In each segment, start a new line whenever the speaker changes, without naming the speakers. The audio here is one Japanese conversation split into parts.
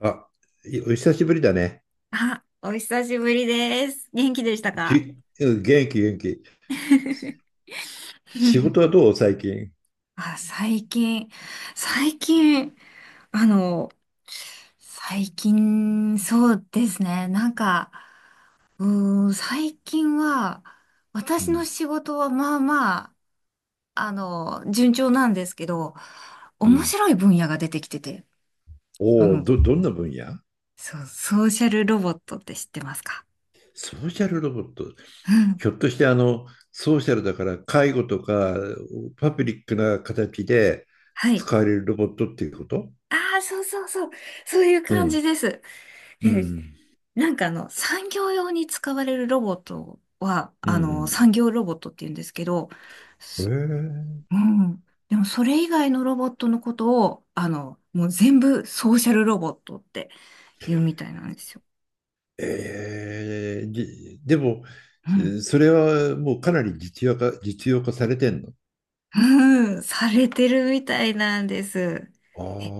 あ、お久しぶりだね。
あ、お久しぶりです。元気でしたか？
き元気元気。仕事はどう最近？
あ、最近、最近、あの、最近、そうですね。なんか、最近は、
う
私の
ん
仕事はまあまあ、順調なんですけど、
う
面
ん、
白い分野が出てきてて、あ
おお、
の、
どんな分野？
そう、ソーシャルロボットって知ってますか？
ソーシャルロボット。
うん。
ひょっとしてあの、ソーシャルだから介護とかパブリックな形で
はい。
使われるロボットっていうこと？
ああ、そうそうそう。そういう
う
感
ん。
じです。
う
で、
ん。
なんか産業用に使われるロボットは、
うん
産業ロボットって言うんですけど、
う
す
ん。
うん。でもそれ以外のロボットのことを、もう全部ソーシャルロボットって言うみたいなんですよ。
えー、えーじでも、
うん。
それはもうかなり実用化されてんの？
うん、されてるみたいなんです。
ああ、
え、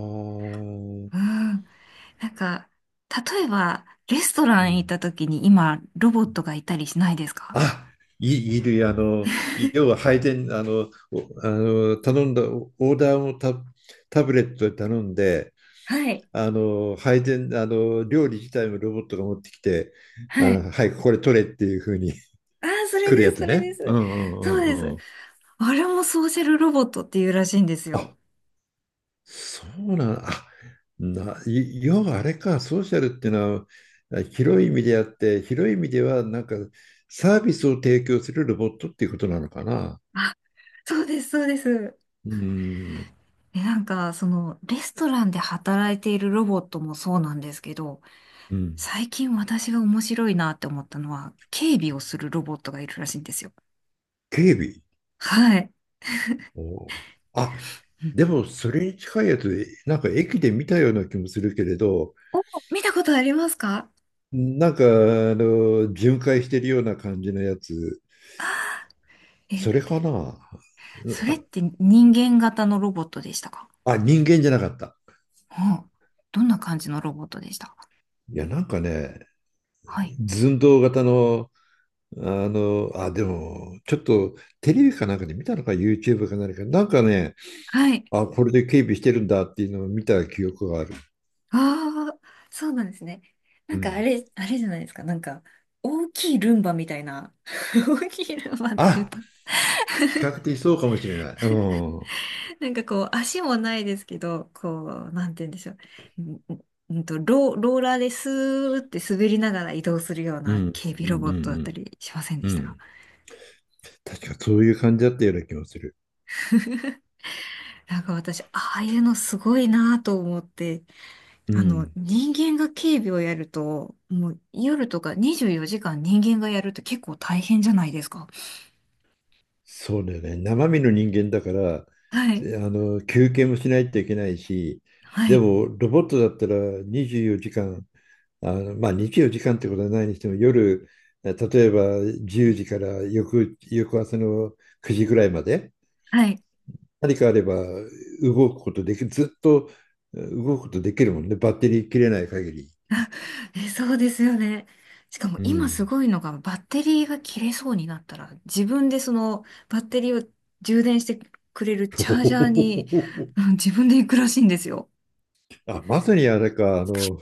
うん。なんか、例えば、レストラ
う
ン行っ
ん。
た時に今、ロボットがいたりしないですか？
あ、いる、あの、要は配膳、あの、頼んだ、オーダーもタブレットで頼んで、
はい。
あの、配膳、あの、料理自体もロボットが持ってきて、あ
はい。
の、はい、これ取れっていう風に
ああ、そ れ
来る
で
や
す、
つ
それ
ね。
で
う
す。
んう
そ
ん
う
う
で
ん
す。
うん。
あれもソーシャルロボットっていうらしいんです
あ、
よ。
そうなん、あ、な、い要はあれか、ソーシャルっていうのは、広い意味であって、広い意味では、なんか、サービスを提供するロボットっていうことなのかな。
あ、そうです、そうです。
うん、
で、なんか、レストランで働いているロボットもそうなんですけど、
うん。
最近私が面白いなって思ったのは、警備をするロボットがいるらしいんですよ。
警備。
はい。
おー。あ、
うん。
でもそれに近いやつで、なんか駅で見たような気もするけれど、
お、見たことありますか？
なんかあの巡回してるような感じのやつ、
え、
それかな。
それって人間型のロボットでしたか？
あ、人間じゃなかった。
うん。どんな感じのロボットでしたか？
いや、なんかね、
はい。
寸胴型の、あの、あ、でも、ちょっとテレビかなんかで見たのか、YouTube か何か、なんかね、
はい。
あ、これで警備してるんだっていうのを見た記憶がある。
ああ、そうなんですね。な
う
んかあ
ん。
れ、あれじゃないですか。なんか、大きいルンバみたいな。大きいルンバっていう
あ、
と、
比較的そうかもしれない。うん。
なんかこう、足もないですけど、こう、なんて言うんでしょう。んんんと、ローラーでスーって滑りながら移動するよう
う
な
ん、
警備
う
ロ
ん、
ボ
う
ット
ん、
だ
う
った
ん。
りしませんで
う
したか？
ん、確かそういう感じだったような気もする。
なんか私、ああいうのすごいなと思って、
うん。
人間が警備をやると、もう夜とか24時間人間がやると結構大変じゃないですか。
そうだよね。生身の人間だから、
はい。
あの、休憩もしないといけないし、
は
で
い。
も、ロボットだったら24時間、あの、まあ24時間ってことはないにしても、夜、例えば10時から翌朝の9時ぐらいまで、
はい。
何かあれば動くことできる、ずっと動くことできるもんね。バッテリー切れない限り。
そうですよね。しかも
う
今す
ん。
ごいのがバッテリーが切れそうになったら自分でそのバッテリーを充電してくれるチャージャーに、う ん自分で行くらしいんですよ。
あ、まさにあれか、あの、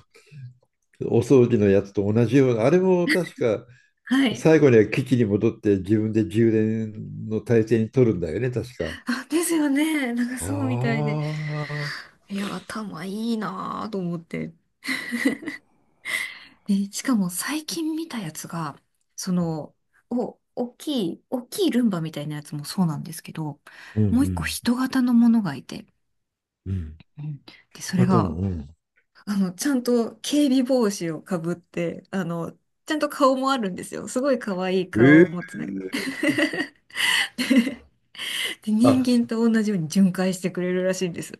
お掃除のやつと同じような、あれも確か、
はい。
最後には基地に戻って自分で充電の体制に取るんだよね、確か。
あ、ですよね。なんかそうみたい
あ
で。
あ。
いや、頭いいなぁと思って。で、しかも最近見たやつが、その、大きいルンバみたいなやつもそうなんですけど、
うんう
もう一個
ん
人型のものがいて、
うん。
うんで、
人
それ
型の、
が
うん。
ちゃんと警備帽子をかぶって、ちゃんと顔もあるんですよ。すごい可愛い顔
え
を持
え、
つね。で、人
あ、
間と同じように巡回してくれるらしいんです。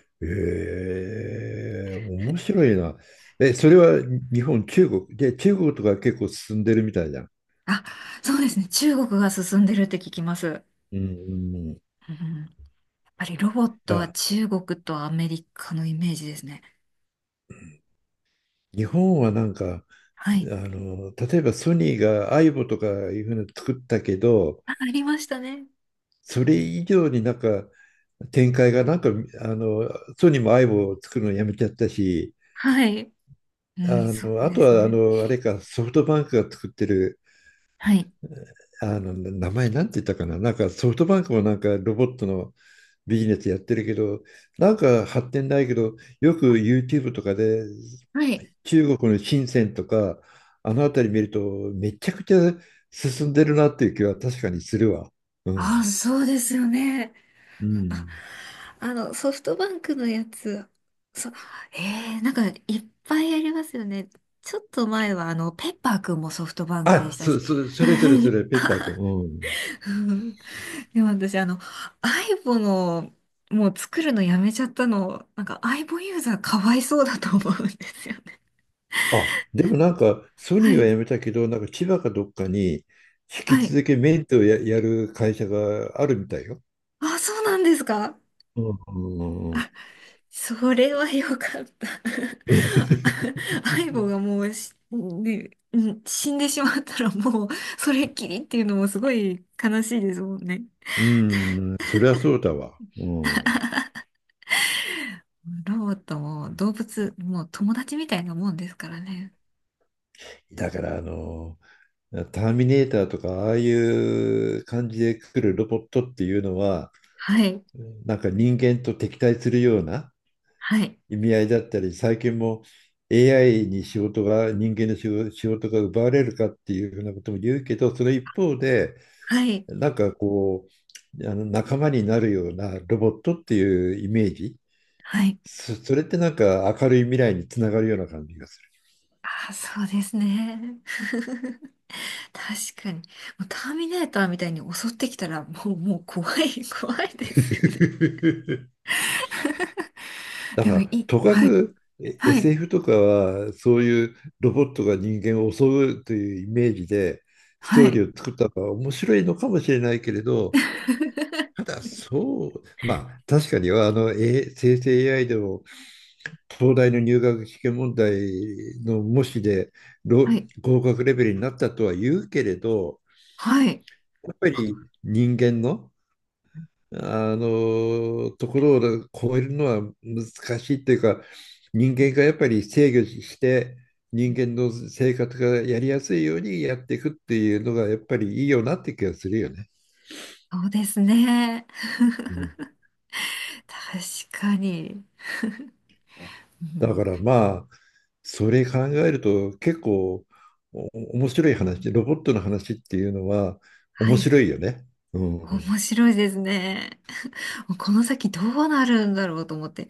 ええ、面白いな。え、それは日本、中国。で、中国とか結構進んでるみたいじゃん。
あ、そうですね。中国が進んでるって聞きます。
うんうんうん。い
うん、やっぱりロボットは
や、
中国とアメリカのイメージですね。
日本はなんか、あ
はい。
の、例えばソニーがアイボとかいうふうに作ったけど、
あ、ありましたね。
それ以上になんか展開がなんか、あの、ソニーもアイボを作るのやめちゃったし、
はい。う
あ
ん、そ
の、
う
あ
で
と
す
はあ
ね。
の、あれか、ソフトバンクが作ってる、
はい。
あの、名前なんて言ったかな、なんかソフトバンクもなんかロボットのビジネスやってるけど、なんか発展ないけど、よく YouTube とかで
はい。
中国の深センとか、あの辺り見ると、めちゃくちゃ進んでるなっていう気は確かにするわ。う
あ、
ん。
そうですよね。
う
あ
ん。
あの、ソフトバンクのやつ、そ、えー、なんかいっぱいありますよね。ちょっと前はペッパーくんもソフトバンクで
あ、
したし。
それそれ それ、ペッパー君。うん。
うん。でも私アイボの、もう作るのやめちゃったの、なんかアイボユーザーかわいそうだと思うんですよね。
あ、でもなんか、ソニ
は
ーは
い。
辞めたけど、なんか千葉かどっかに、引き
はい。
続きメンテをやる会社があるみたいよ。
あ、そうなんですか？
うん。うん、うん
それはよかった。相棒がもう、死んでしまったらもうそれっきりっていうのもすごい悲しいですもんね。
うん、それはそうだわ。うん。
ロボットも動物もう友達みたいなもんですからね。
だからあの、ターミネーターとか、ああいう感じで来るロボットっていうのは、
はい、
なんか人間と敵対するような
はい、
意味合いだったり、最近も AI に仕事が、人間の仕事が奪われるかっていうふうなことも言うけど、その一方で、
はい、
なんかこう、あの仲間になるようなロボットっていうイメージ、
はい。
それってなんか明るい未来につながるような感じがする。
ああ、そうですね。確かに。もうターミネーターみたいに襲ってきたらもう怖い、怖いですよね。
だ
で
か
もい
ら、
い。
とか
はい、
く
はい、
SF とかは、そういうロボットが人間を襲うというイメージで、ス
は
トーリ
い、
ーを作ったのは面白いのかもしれないけれど、ただそう、まあ確かにはあの、生成 AI でも東大の入学試験問題の模試で
はい。
合格レベルになったとは言うけれど、
はい。
やっぱり人間のあのところを超えるのは難しいっていうか、人間がやっぱり制御して人間の生活がやりやすいようにやっていくっていうのがやっぱりいいよなって気がするよね。
そうですね。
うん、
確かに。う
だ
ん、
からまあそれ考えると結構お面白い話、ロボットの話っていうのは
は
面
い。
白いよね。うん。
面白いですね。もうこの先どうなるんだろうと思って。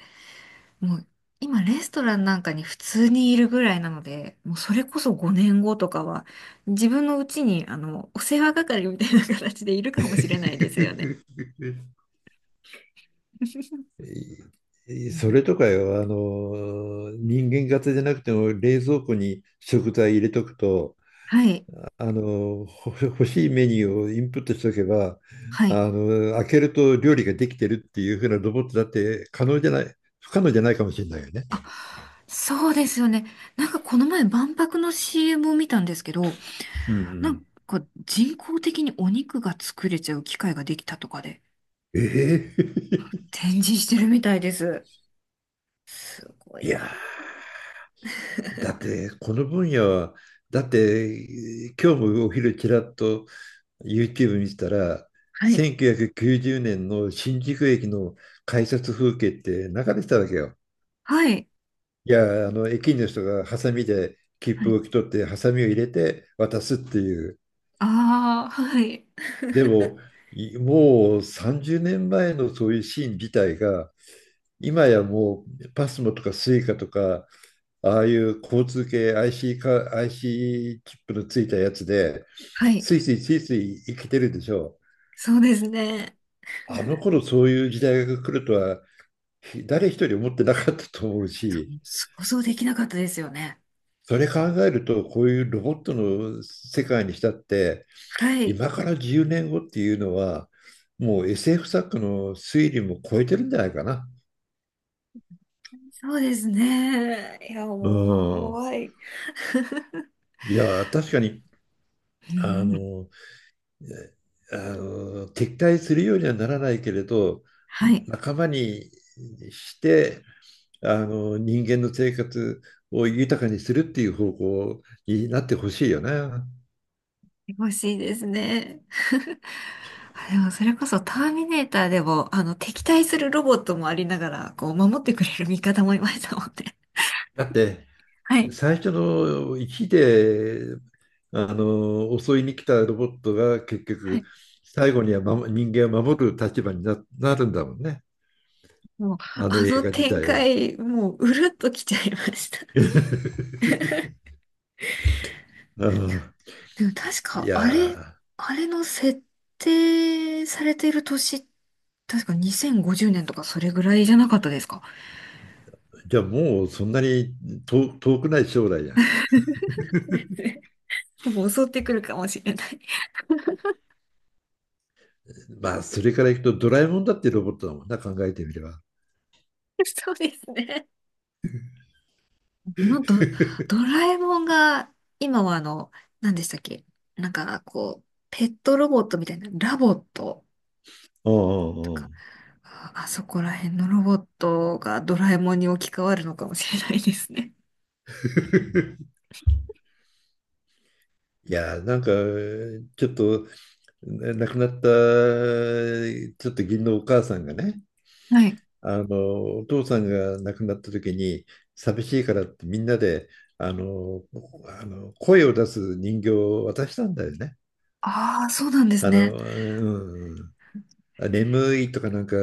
もう今レストランなんかに普通にいるぐらいなので、もうそれこそ5年後とかは自分のうちにお世話係みたいな形でいるかもしれないですよね。う
そ
ん。
れとかよ、あの、人間型じゃなくても冷蔵庫に食材入れとくと、
はい。
あの、欲しいメニューをインプットしとけば、
はい。
あの、開けると料理ができてるっていう風なロボットだって可能じゃない、不可能じゃないかもしれないよね。
あ、そうですよね。なんかこの前万博の CM を見たんですけど、
うんう
な
ん。
んか人工的にお肉が作れちゃう機械ができたとかで
ええ。
展示してるみたいです。すご
い
い
や
な。
ー、だっ てこの分野は、だって今日もお昼ちらっと YouTube 見てたら、
はい。
1990年の新宿駅の改札風景って流れてたわけよ。
はい。
いや、あの、駅員の人がハサミで切
は
符を
い。
受け取って、ハサミを入れて渡すっていう。
ああ、はい。
でも、もう30年前のそういうシーン自体が、今やもうパスモとかスイカとか、ああいう交通系 IC か、IC チップのついたやつで、
はい。
スイスイスイスイ生きてるでしょ。
そうですね。
あの頃そういう時代が来るとは誰一人思ってなかったと思うし、
想像できなかったですよね。
それ考えると、こういうロボットの世界にしたって、
はい。
今から10年後っていうのは、もう SF 作家の推理も超えてるんじゃないかな。
そうですね。いや、
う
もう
ん。
怖い。
いや、確かに、
う
あ
ん。
の、あの、敵対するようにはならないけれど、
はい。
仲間にして、あの、人間の生活を豊かにするっていう方向になってほしいよね。
欲しいですね。あ、でもそれこそターミネーターでも、敵対するロボットもありながら、こう、守ってくれる味方もいましたもんね。
だって、
はい。
最初の1であの襲いに来たロボットが結
は
局
い。
最後には人間を守る立場になるんだもんね、
もう、
あの
あ
映
の
画自
展
体は。
開、もう、うるっときちゃいました。
あ あ、
でも確
い
か、あれ、
や
あれの設定されている年、確か2050年とかそれぐらいじゃなかったですか？
ー、じゃあもうそんなに遠くない将来や。
もう襲ってくるかもしれない。
まあそれからいくとドラえもんだってロボットだもんな、考えてみれば。
そうですね。あのド、ドラえもんが、今は何でしたっけ？なんか、こう、ペットロボットみたいな、ラボット
うんう
と
んう
か、
ん。
あそこら辺のロボットがドラえもんに置き換わるのかもしれないですね。
いやーなんか、ちょっと亡くなったちょっと義理のお母さんがね、
はい。
あのお父さんが亡くなった時に寂しいからってみんなであの、あの声を出す人形を渡したんだよね。
ああ、そうなんです
あの、
ね。
うん、眠いとかなんかあ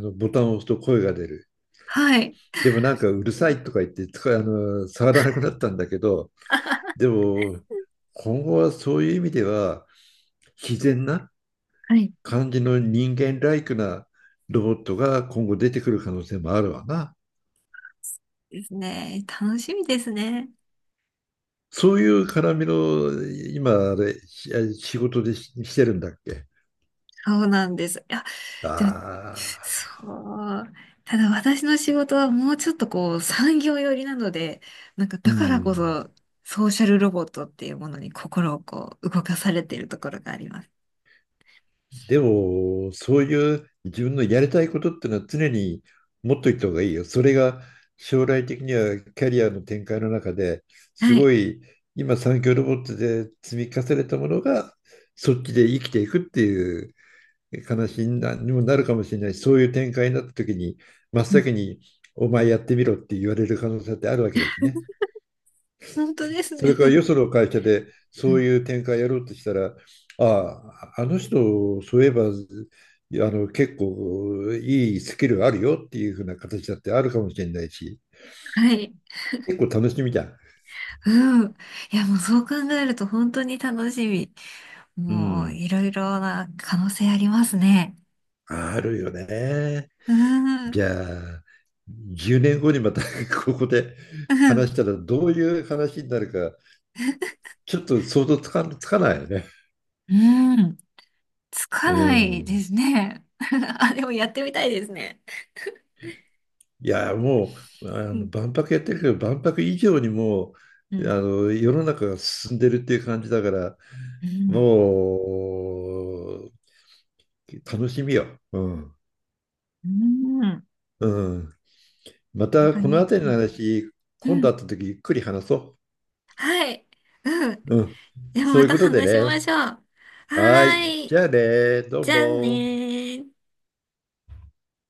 のボタンを押すと声が出る。
はい。
でもなんかうるさいとか言ってあの触らなくなったんだけど、でも今後はそういう意味では自然な
はい。
感じの人間ライクなロボットが今後出てくる可能性もあるわな。
ですね。楽しみですね。
そういう絡みの今あれ仕事でしてるんだっけ？
そうなんです。いや、でも、
ああ、
そう。ただ私の仕事はもうちょっとこう産業寄りなので、なんか
う
だからこ
ん。
そソーシャルロボットっていうものに心をこう動かされているところがあります。
でも、そういう自分のやりたいことってのは常に持っといた方がいいよ。それが将来的にはキャリアの展開の中です
はい。
ごい、今産業ロボットで積み重ねたものがそっちで生きていくっていう悲しいなにもなるかもしれないし、そういう展開になった時に、真っ
うん、
先にお前やってみろって言われる可能性ってあるわけだしね。
本当です
それ
ね。
からよその会社で
う
そう
ん。
いう展開やろうとしたら、ああ、あの人、そういえば、あの結構いいスキルあるよっていうふうな形だってあるかもしれないし、
はい。
結構楽しみじゃん。
うん。いや、もうそう考えると本当に楽しみ。
う
もう
ん、
いろいろな可能性ありますね。
あるよね。
うん。
じゃあ、10年後にまた ここで
う
話
ん。
したらどういう話になるか、ちょっと想像つかつかないよね。
うん。つか
う
ないで
ん。
すね。あ、でもやってみたいですね。
いや、もう、あ
う
の、
ん。
万博やってるけど、万博以上に、も
う
う、
ん。
あの、世の中が進んでるっていう感じだから、
うん。
もう、楽しみよ。うん。
うん。
うん。ま
本
た、
当
このあ
に。
たり
う
の
ん、
話、今
う
度会っ
ん。
た時、ゆっくり話そ
はい。うん、うん、本当に、うん、はい、うん、
う。うん。
でも
そう
ま
いう
た
ことで
話しま
ね。
しょう。は
はい。
ー
じ
い。
ゃあね、どう
じゃあね
も。
ー。